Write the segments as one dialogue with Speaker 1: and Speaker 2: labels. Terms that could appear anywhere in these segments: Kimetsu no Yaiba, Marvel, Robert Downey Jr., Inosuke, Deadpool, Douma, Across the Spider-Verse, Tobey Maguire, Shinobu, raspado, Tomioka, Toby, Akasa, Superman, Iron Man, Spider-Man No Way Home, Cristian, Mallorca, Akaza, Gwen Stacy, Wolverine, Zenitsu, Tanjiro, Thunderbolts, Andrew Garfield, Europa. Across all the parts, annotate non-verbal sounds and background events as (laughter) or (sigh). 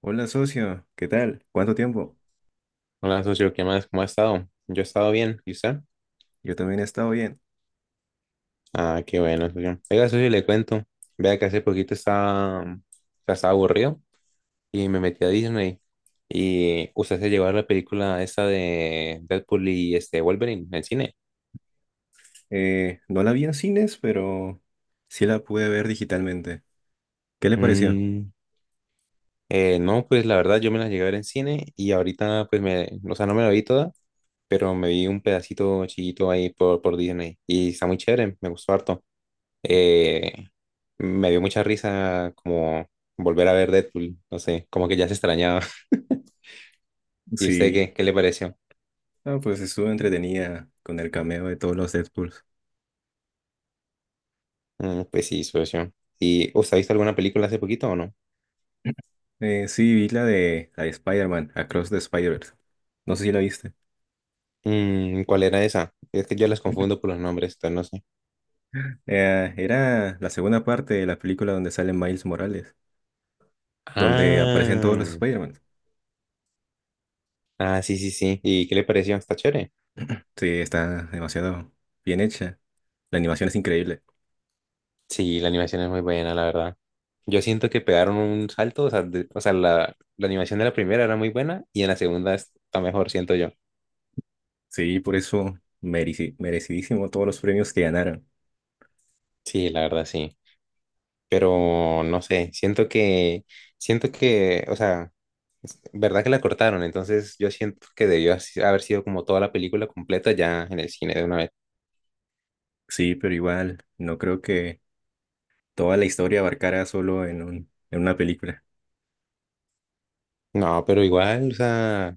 Speaker 1: Hola socio, ¿qué tal? ¿Cuánto tiempo?
Speaker 2: Hola, socio, ¿qué más? ¿Cómo ha estado? Yo he estado bien, ¿y usted?
Speaker 1: Yo también he estado bien.
Speaker 2: Ah, qué bueno, socio. Oiga, socio, le cuento. Vea que hace poquito estaba, o sea, estaba aburrido y me metí a Disney. Y usted se llevó a la película esta de Deadpool y este Wolverine en cine.
Speaker 1: No la vi en cines, pero sí la pude ver digitalmente. ¿Qué le pareció?
Speaker 2: Mm, no, pues la verdad yo me la llegué a ver en cine y ahorita pues me, o sea, no me la vi toda, pero me vi un pedacito chiquito ahí por Disney y está muy chévere, me gustó harto. eh, Me dio mucha risa como volver a ver Deadpool, no sé, como que ya se extrañaba. (laughs) ¿Y usted
Speaker 1: Sí.
Speaker 2: qué le pareció?
Speaker 1: Ah, pues estuvo entretenida con el cameo de todos los Deadpools.
Speaker 2: Mm, pues sí, socio. ¿Y usted ha visto alguna película hace poquito o no?
Speaker 1: Sí, vi la de Spider-Man, Across the Spider-Verse. No sé si la viste.
Speaker 2: Mm, ¿cuál era esa? Es que yo las confundo por los nombres, entonces no sé.
Speaker 1: Era la segunda parte de la película donde sale Miles Morales, donde aparecen todos los
Speaker 2: Ah,
Speaker 1: Spider-Man.
Speaker 2: ah, sí, sí, sí. ¿Y qué le pareció? ¿Está chévere?
Speaker 1: Sí, está demasiado bien hecha. La animación es increíble.
Speaker 2: Sí, la animación es muy buena, la verdad. Yo siento que pegaron un salto, o sea, o sea, la animación de la primera era muy buena y en la segunda está mejor, siento yo.
Speaker 1: Sí, por eso merecidísimo todos los premios que ganaron.
Speaker 2: Sí, la verdad, sí. Pero no sé, siento que, o sea, verdad que la cortaron, entonces yo siento que haber sido como toda la película completa ya en el cine de una vez.
Speaker 1: Sí, pero igual, no creo que toda la historia abarcara solo en una película.
Speaker 2: No, pero igual, o sea,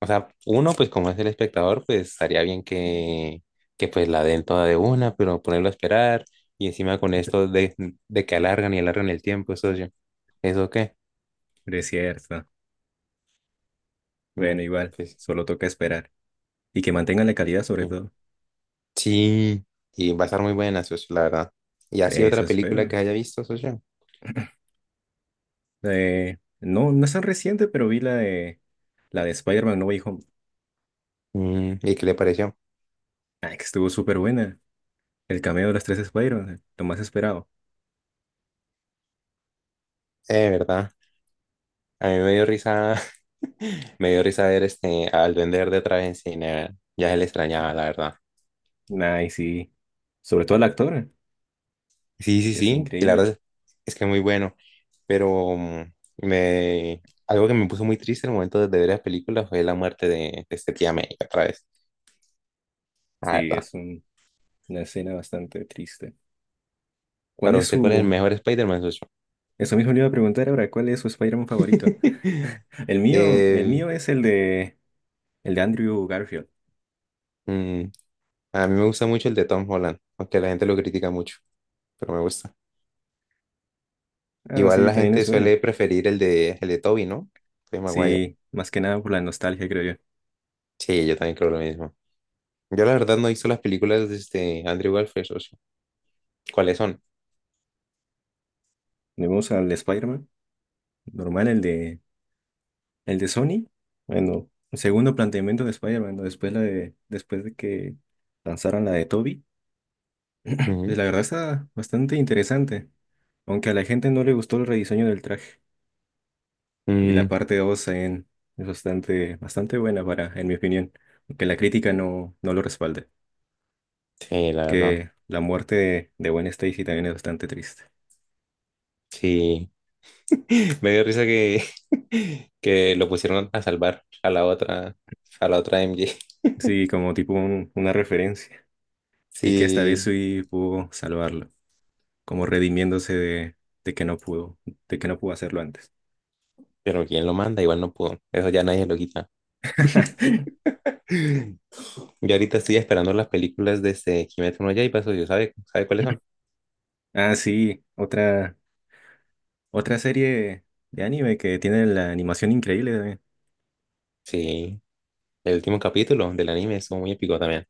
Speaker 2: o sea, uno pues como es el espectador, pues estaría bien que pues la den toda de una, pero ponerlo a esperar y encima con esto
Speaker 1: (laughs)
Speaker 2: de que alargan y alargan el tiempo, eso yo, ¿eso qué?
Speaker 1: Pero es cierto.
Speaker 2: Mm,
Speaker 1: Bueno, igual,
Speaker 2: Pues
Speaker 1: solo toca esperar. Y que mantengan la calidad sobre
Speaker 2: mm.
Speaker 1: todo.
Speaker 2: sí, y va a estar muy buena, socio, la verdad. ¿Y así
Speaker 1: Eso
Speaker 2: otra película
Speaker 1: espero.
Speaker 2: que haya visto, socio?
Speaker 1: No, no es tan reciente, pero vi la de Spider-Man No Way Home.
Speaker 2: Mm, ¿y qué le pareció?
Speaker 1: Ay, que estuvo súper buena. El cameo de los tres Spider-Man, lo más esperado.
Speaker 2: ¿Verdad? A mí me dio risa, (laughs) me dio risa ver este, al vender de otra vez en cine, ya se le extrañaba, la verdad.
Speaker 1: Ay, sí. Sobre todo el actor,
Speaker 2: Sí, sí,
Speaker 1: que es
Speaker 2: sí, y la
Speaker 1: increíble.
Speaker 2: verdad es que muy bueno, pero algo que me puso muy triste en el momento de ver la película fue la muerte de este tía May otra vez, la
Speaker 1: Sí,
Speaker 2: verdad.
Speaker 1: es un- una escena bastante triste. ¿Cuál
Speaker 2: Para
Speaker 1: es
Speaker 2: usted, ¿cuál es el
Speaker 1: su...
Speaker 2: mejor Spider-Man, socio?
Speaker 1: Eso mismo le iba a preguntar ahora, ¿cuál es su Spider-Man favorito?
Speaker 2: (laughs)
Speaker 1: El mío, el
Speaker 2: Eh,
Speaker 1: mío es el de Andrew Garfield.
Speaker 2: mm, a mí me gusta mucho el de Tom Holland, aunque la gente lo critica mucho, pero me gusta.
Speaker 1: Ah,
Speaker 2: Igual
Speaker 1: sí,
Speaker 2: la
Speaker 1: también
Speaker 2: gente
Speaker 1: es bueno.
Speaker 2: suele preferir el de Tobey, ¿no? Tobey Maguire.
Speaker 1: Sí, más que nada por la nostalgia, creo yo.
Speaker 2: Sí, yo también creo lo mismo. Yo la verdad no he visto las películas de este Andrew Garfield, socio. ¿Cuáles son?
Speaker 1: Tenemos al Spider-Man, normal, el de Sony. Bueno, el segundo planteamiento de Spider-Man, ¿no? Después la de, después de que lanzaron la de Toby. Pues
Speaker 2: Ujú.
Speaker 1: la verdad está bastante interesante, aunque a la gente no le gustó el rediseño del traje. Y la
Speaker 2: Mm,
Speaker 1: parte 2 también es bastante buena para, en mi opinión, aunque la crítica no lo respalde,
Speaker 2: sí, la verdad.
Speaker 1: porque la muerte de Gwen Stacy también es bastante triste.
Speaker 2: Sí. (laughs) Me dio risa que, (laughs) que lo pusieron a salvar a la otra MJ. (laughs)
Speaker 1: Sí, como una referencia, y que esta vez
Speaker 2: Sí,
Speaker 1: sí pudo salvarlo, como redimiéndose de que no pudo, de que no pudo hacerlo antes.
Speaker 2: pero ¿quién lo manda? Igual no pudo. Eso ya nadie lo quita.
Speaker 1: (laughs)
Speaker 2: (laughs) Yo ahorita estoy esperando las películas de este Kimetsu no Yaiba, socio. Sabe cuáles son?
Speaker 1: Ah, sí, otra serie de anime que tiene la animación increíble también.
Speaker 2: Sí. El último capítulo del anime estuvo muy épico también.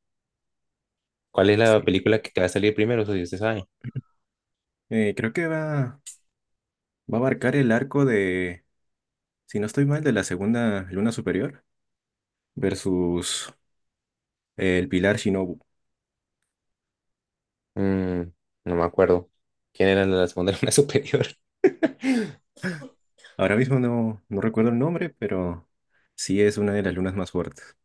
Speaker 2: ¿Cuál es la
Speaker 1: Sí.
Speaker 2: película que te va a salir primero? Eso sí, usted sabe.
Speaker 1: Creo que va a abarcar el arco de, si no estoy mal, de la segunda luna superior versus el pilar Shinobu.
Speaker 2: Mm, no me acuerdo. ¿Quién era la segunda luna (laughs) superior? (laughs)
Speaker 1: Ahora mismo no recuerdo el nombre, pero sí es una de las lunas más fuertes.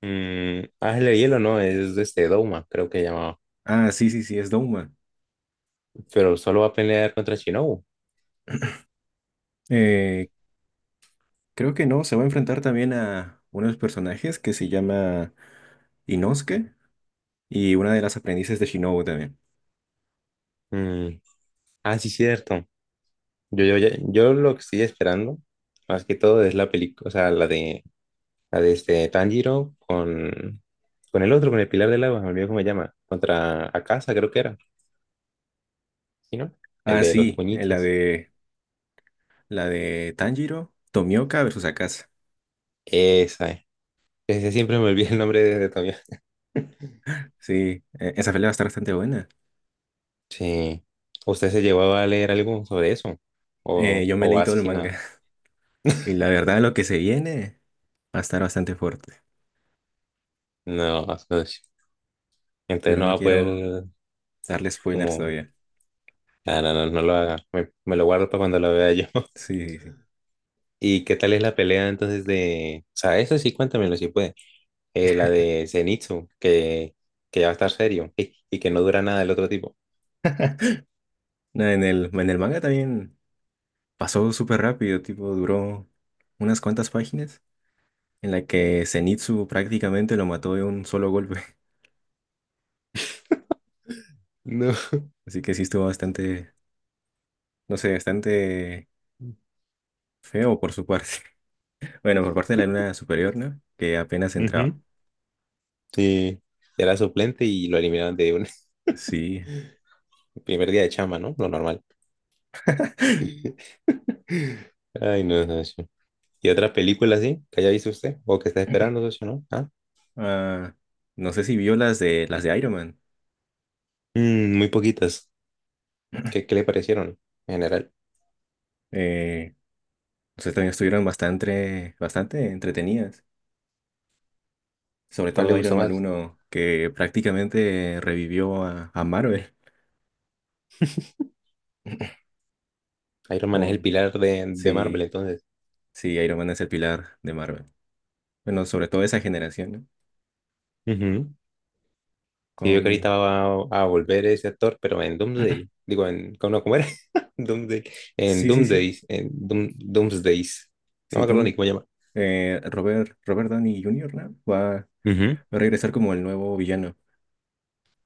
Speaker 2: Mm, Ángel de Hielo, no, es este Douma, creo que llamaba.
Speaker 1: Ah, sí, sí, sí, es Douma.
Speaker 2: Pero solo va a pelear contra Shinobu.
Speaker 1: Eh, Creo que no, se va a enfrentar también a uno de los personajes que se llama Inosuke y una de las aprendices de Shinobu también.
Speaker 2: Mm, ah, sí, cierto. Yo lo que estoy esperando, más que todo, es la película, o sea, la de este Tanjiro con el otro, con el Pilar del Agua, me olvidé cómo se llama, contra Akasa, creo que era. ¿Sí, no? El
Speaker 1: Ah,
Speaker 2: de los
Speaker 1: sí,
Speaker 2: puñitos.
Speaker 1: la de Tanjiro, Tomioka versus Akaza.
Speaker 2: Esa, eh. Ese siempre me olvida el nombre
Speaker 1: (clears throat)
Speaker 2: de todavía. (laughs)
Speaker 1: Sí, esa pelea va a estar bastante buena.
Speaker 2: Sí. ¿Usted se llevaba a leer algo sobre eso?
Speaker 1: Yo me
Speaker 2: O
Speaker 1: leí todo
Speaker 2: así
Speaker 1: el
Speaker 2: sin nada?
Speaker 1: manga. Y la verdad, lo que se viene va a estar bastante fuerte.
Speaker 2: No, no sé. Entonces
Speaker 1: Pero
Speaker 2: no
Speaker 1: no
Speaker 2: va a
Speaker 1: quiero
Speaker 2: poder
Speaker 1: darle spoilers
Speaker 2: como...
Speaker 1: todavía.
Speaker 2: Ah, no, no, no lo haga. Me lo guardo para cuando lo vea yo. (laughs)
Speaker 1: Sí, sí, sí.
Speaker 2: ¿Y qué tal es la pelea entonces de... O sea, eso sí, cuéntamelo si puede. La de Zenitsu, que ya va a estar serio y que no dura nada el otro tipo.
Speaker 1: No, en el manga también pasó súper rápido, tipo, duró unas cuantas páginas en la que Zenitsu prácticamente lo mató de un solo golpe.
Speaker 2: No.
Speaker 1: (laughs) Así que sí estuvo bastante, no sé, bastante feo por su parte. (laughs) Bueno, por parte de la luna superior, ¿no? Que apenas entraba.
Speaker 2: Ujú. Sí, era suplente y lo eliminaron de un
Speaker 1: Sí.
Speaker 2: (laughs) primer día de chamba, ¿no? Lo normal. (laughs) Ay, no, socio. ¿Y otra película así que haya visto usted o que está esperando, socio, no? ¿Ah?
Speaker 1: Ah, no sé si vio las de Iron Man.
Speaker 2: Mm, muy poquitas.
Speaker 1: (clears throat)
Speaker 2: ¿Qué le parecieron en general?
Speaker 1: Eh, Entonces también estuvieron bastante entretenidas. Sobre
Speaker 2: ¿Cuál le
Speaker 1: todo Iron
Speaker 2: gustó
Speaker 1: Man
Speaker 2: más?
Speaker 1: uno que prácticamente revivió a Marvel. (laughs)
Speaker 2: Iron Man es el
Speaker 1: Con,
Speaker 2: pilar de Marvel,
Speaker 1: sí,
Speaker 2: entonces.
Speaker 1: sí, Iron Man es el pilar de Marvel. Bueno, sobre todo esa generación, ¿no?
Speaker 2: Ujú. Sí, yo creo que
Speaker 1: Con,
Speaker 2: ahorita a volver ese actor, pero en Doomsday.
Speaker 1: (clears throat)
Speaker 2: Digo, en, ¿cómo, no, cómo era? (laughs) Doomsday. En
Speaker 1: sí, sí, sí.
Speaker 2: Doomsday. En Doomsdays. No
Speaker 1: Sí,
Speaker 2: me acuerdo
Speaker 1: tú,
Speaker 2: ni cómo se llama.
Speaker 1: eh, Robert, Robert Downey Jr., ¿no? Va
Speaker 2: Ujú.
Speaker 1: a regresar como el nuevo villano.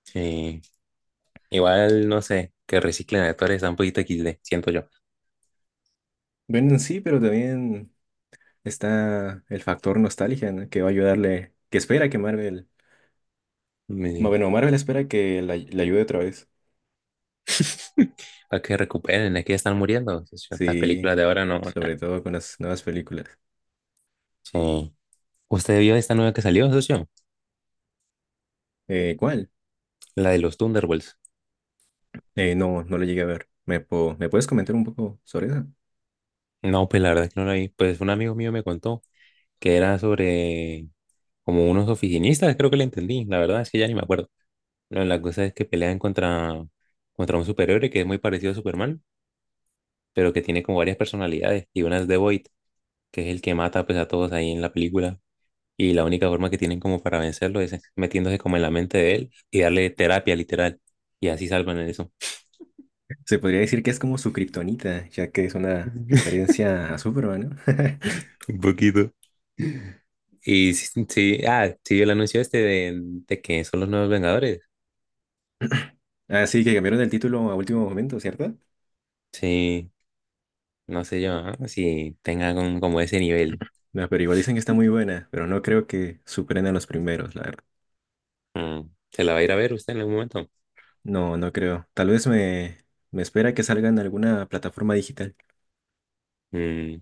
Speaker 2: Sí. Igual, no sé, que reciclen actores está un poquito XD, siento yo.
Speaker 1: Bueno, sí, pero también está el factor nostalgia, ¿no? Que va a ayudarle, que espera que Marvel, no,
Speaker 2: Me-
Speaker 1: bueno, Marvel espera que le ayude otra vez.
Speaker 2: (laughs) Para que recuperen, es que ya están muriendo, socio. Estas
Speaker 1: Sí,
Speaker 2: películas de ahora no. Na.
Speaker 1: sobre todo con las nuevas películas.
Speaker 2: Sí. ¿Usted vio esta nueva que salió, socio?
Speaker 1: ¿Cuál?
Speaker 2: La de los Thunderbolts.
Speaker 1: No, no la llegué a ver. ¿Me puedes comentar un poco sobre eso?
Speaker 2: No, pues la verdad es que no la vi. Pues un amigo mío me contó que era sobre como unos oficinistas, creo que le entendí. La verdad es que ya ni me acuerdo. No, la cosa es que pelean contra un superhéroe que es muy parecido a Superman, pero que tiene como varias personalidades y una es The Void, que es el que mata pues, a todos ahí en la película. Y la única forma que tienen como para vencerlo es metiéndose como en la mente de él y darle terapia literal. Y así salvan eso.
Speaker 1: Se podría decir que es como su kriptonita, ya que es una
Speaker 2: (laughs)
Speaker 1: referencia a Superman, ¿no?
Speaker 2: Un poquito. Y sí, sí, sí, ah, sí, el anuncio este de que son los nuevos Vengadores.
Speaker 1: (laughs) Así que cambiaron el título a último momento, ¿cierto?
Speaker 2: Sí, no sé yo, ah, si tengan como ese nivel.
Speaker 1: No, pero igual dicen que está muy buena, pero no creo que superen a los primeros, la verdad.
Speaker 2: Mm, ¿se la va a ir a ver usted en algún momento?
Speaker 1: No, no creo. Me espera que salga en alguna plataforma digital.
Speaker 2: Mm,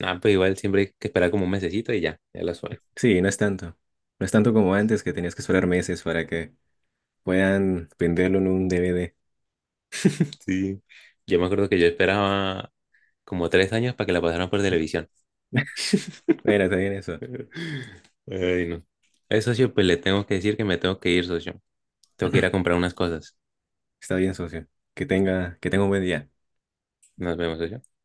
Speaker 2: ah, pues igual siempre hay que esperar como un mesecito y ya, ya la suben.
Speaker 1: Sí, no es tanto. No es tanto como antes que tenías que esperar meses para que puedan venderlo en un DVD.
Speaker 2: Sí. Yo me acuerdo que yo esperaba como tres años para que la pasaran por televisión.
Speaker 1: Mira, está bien eso.
Speaker 2: (laughs) Ay, no. Socio, pues le tengo que decir que me tengo que ir, socio. Tengo que ir a
Speaker 1: (laughs)
Speaker 2: comprar unas cosas.
Speaker 1: Está bien, socio. Que tenga un buen día.
Speaker 2: Nos vemos, socio.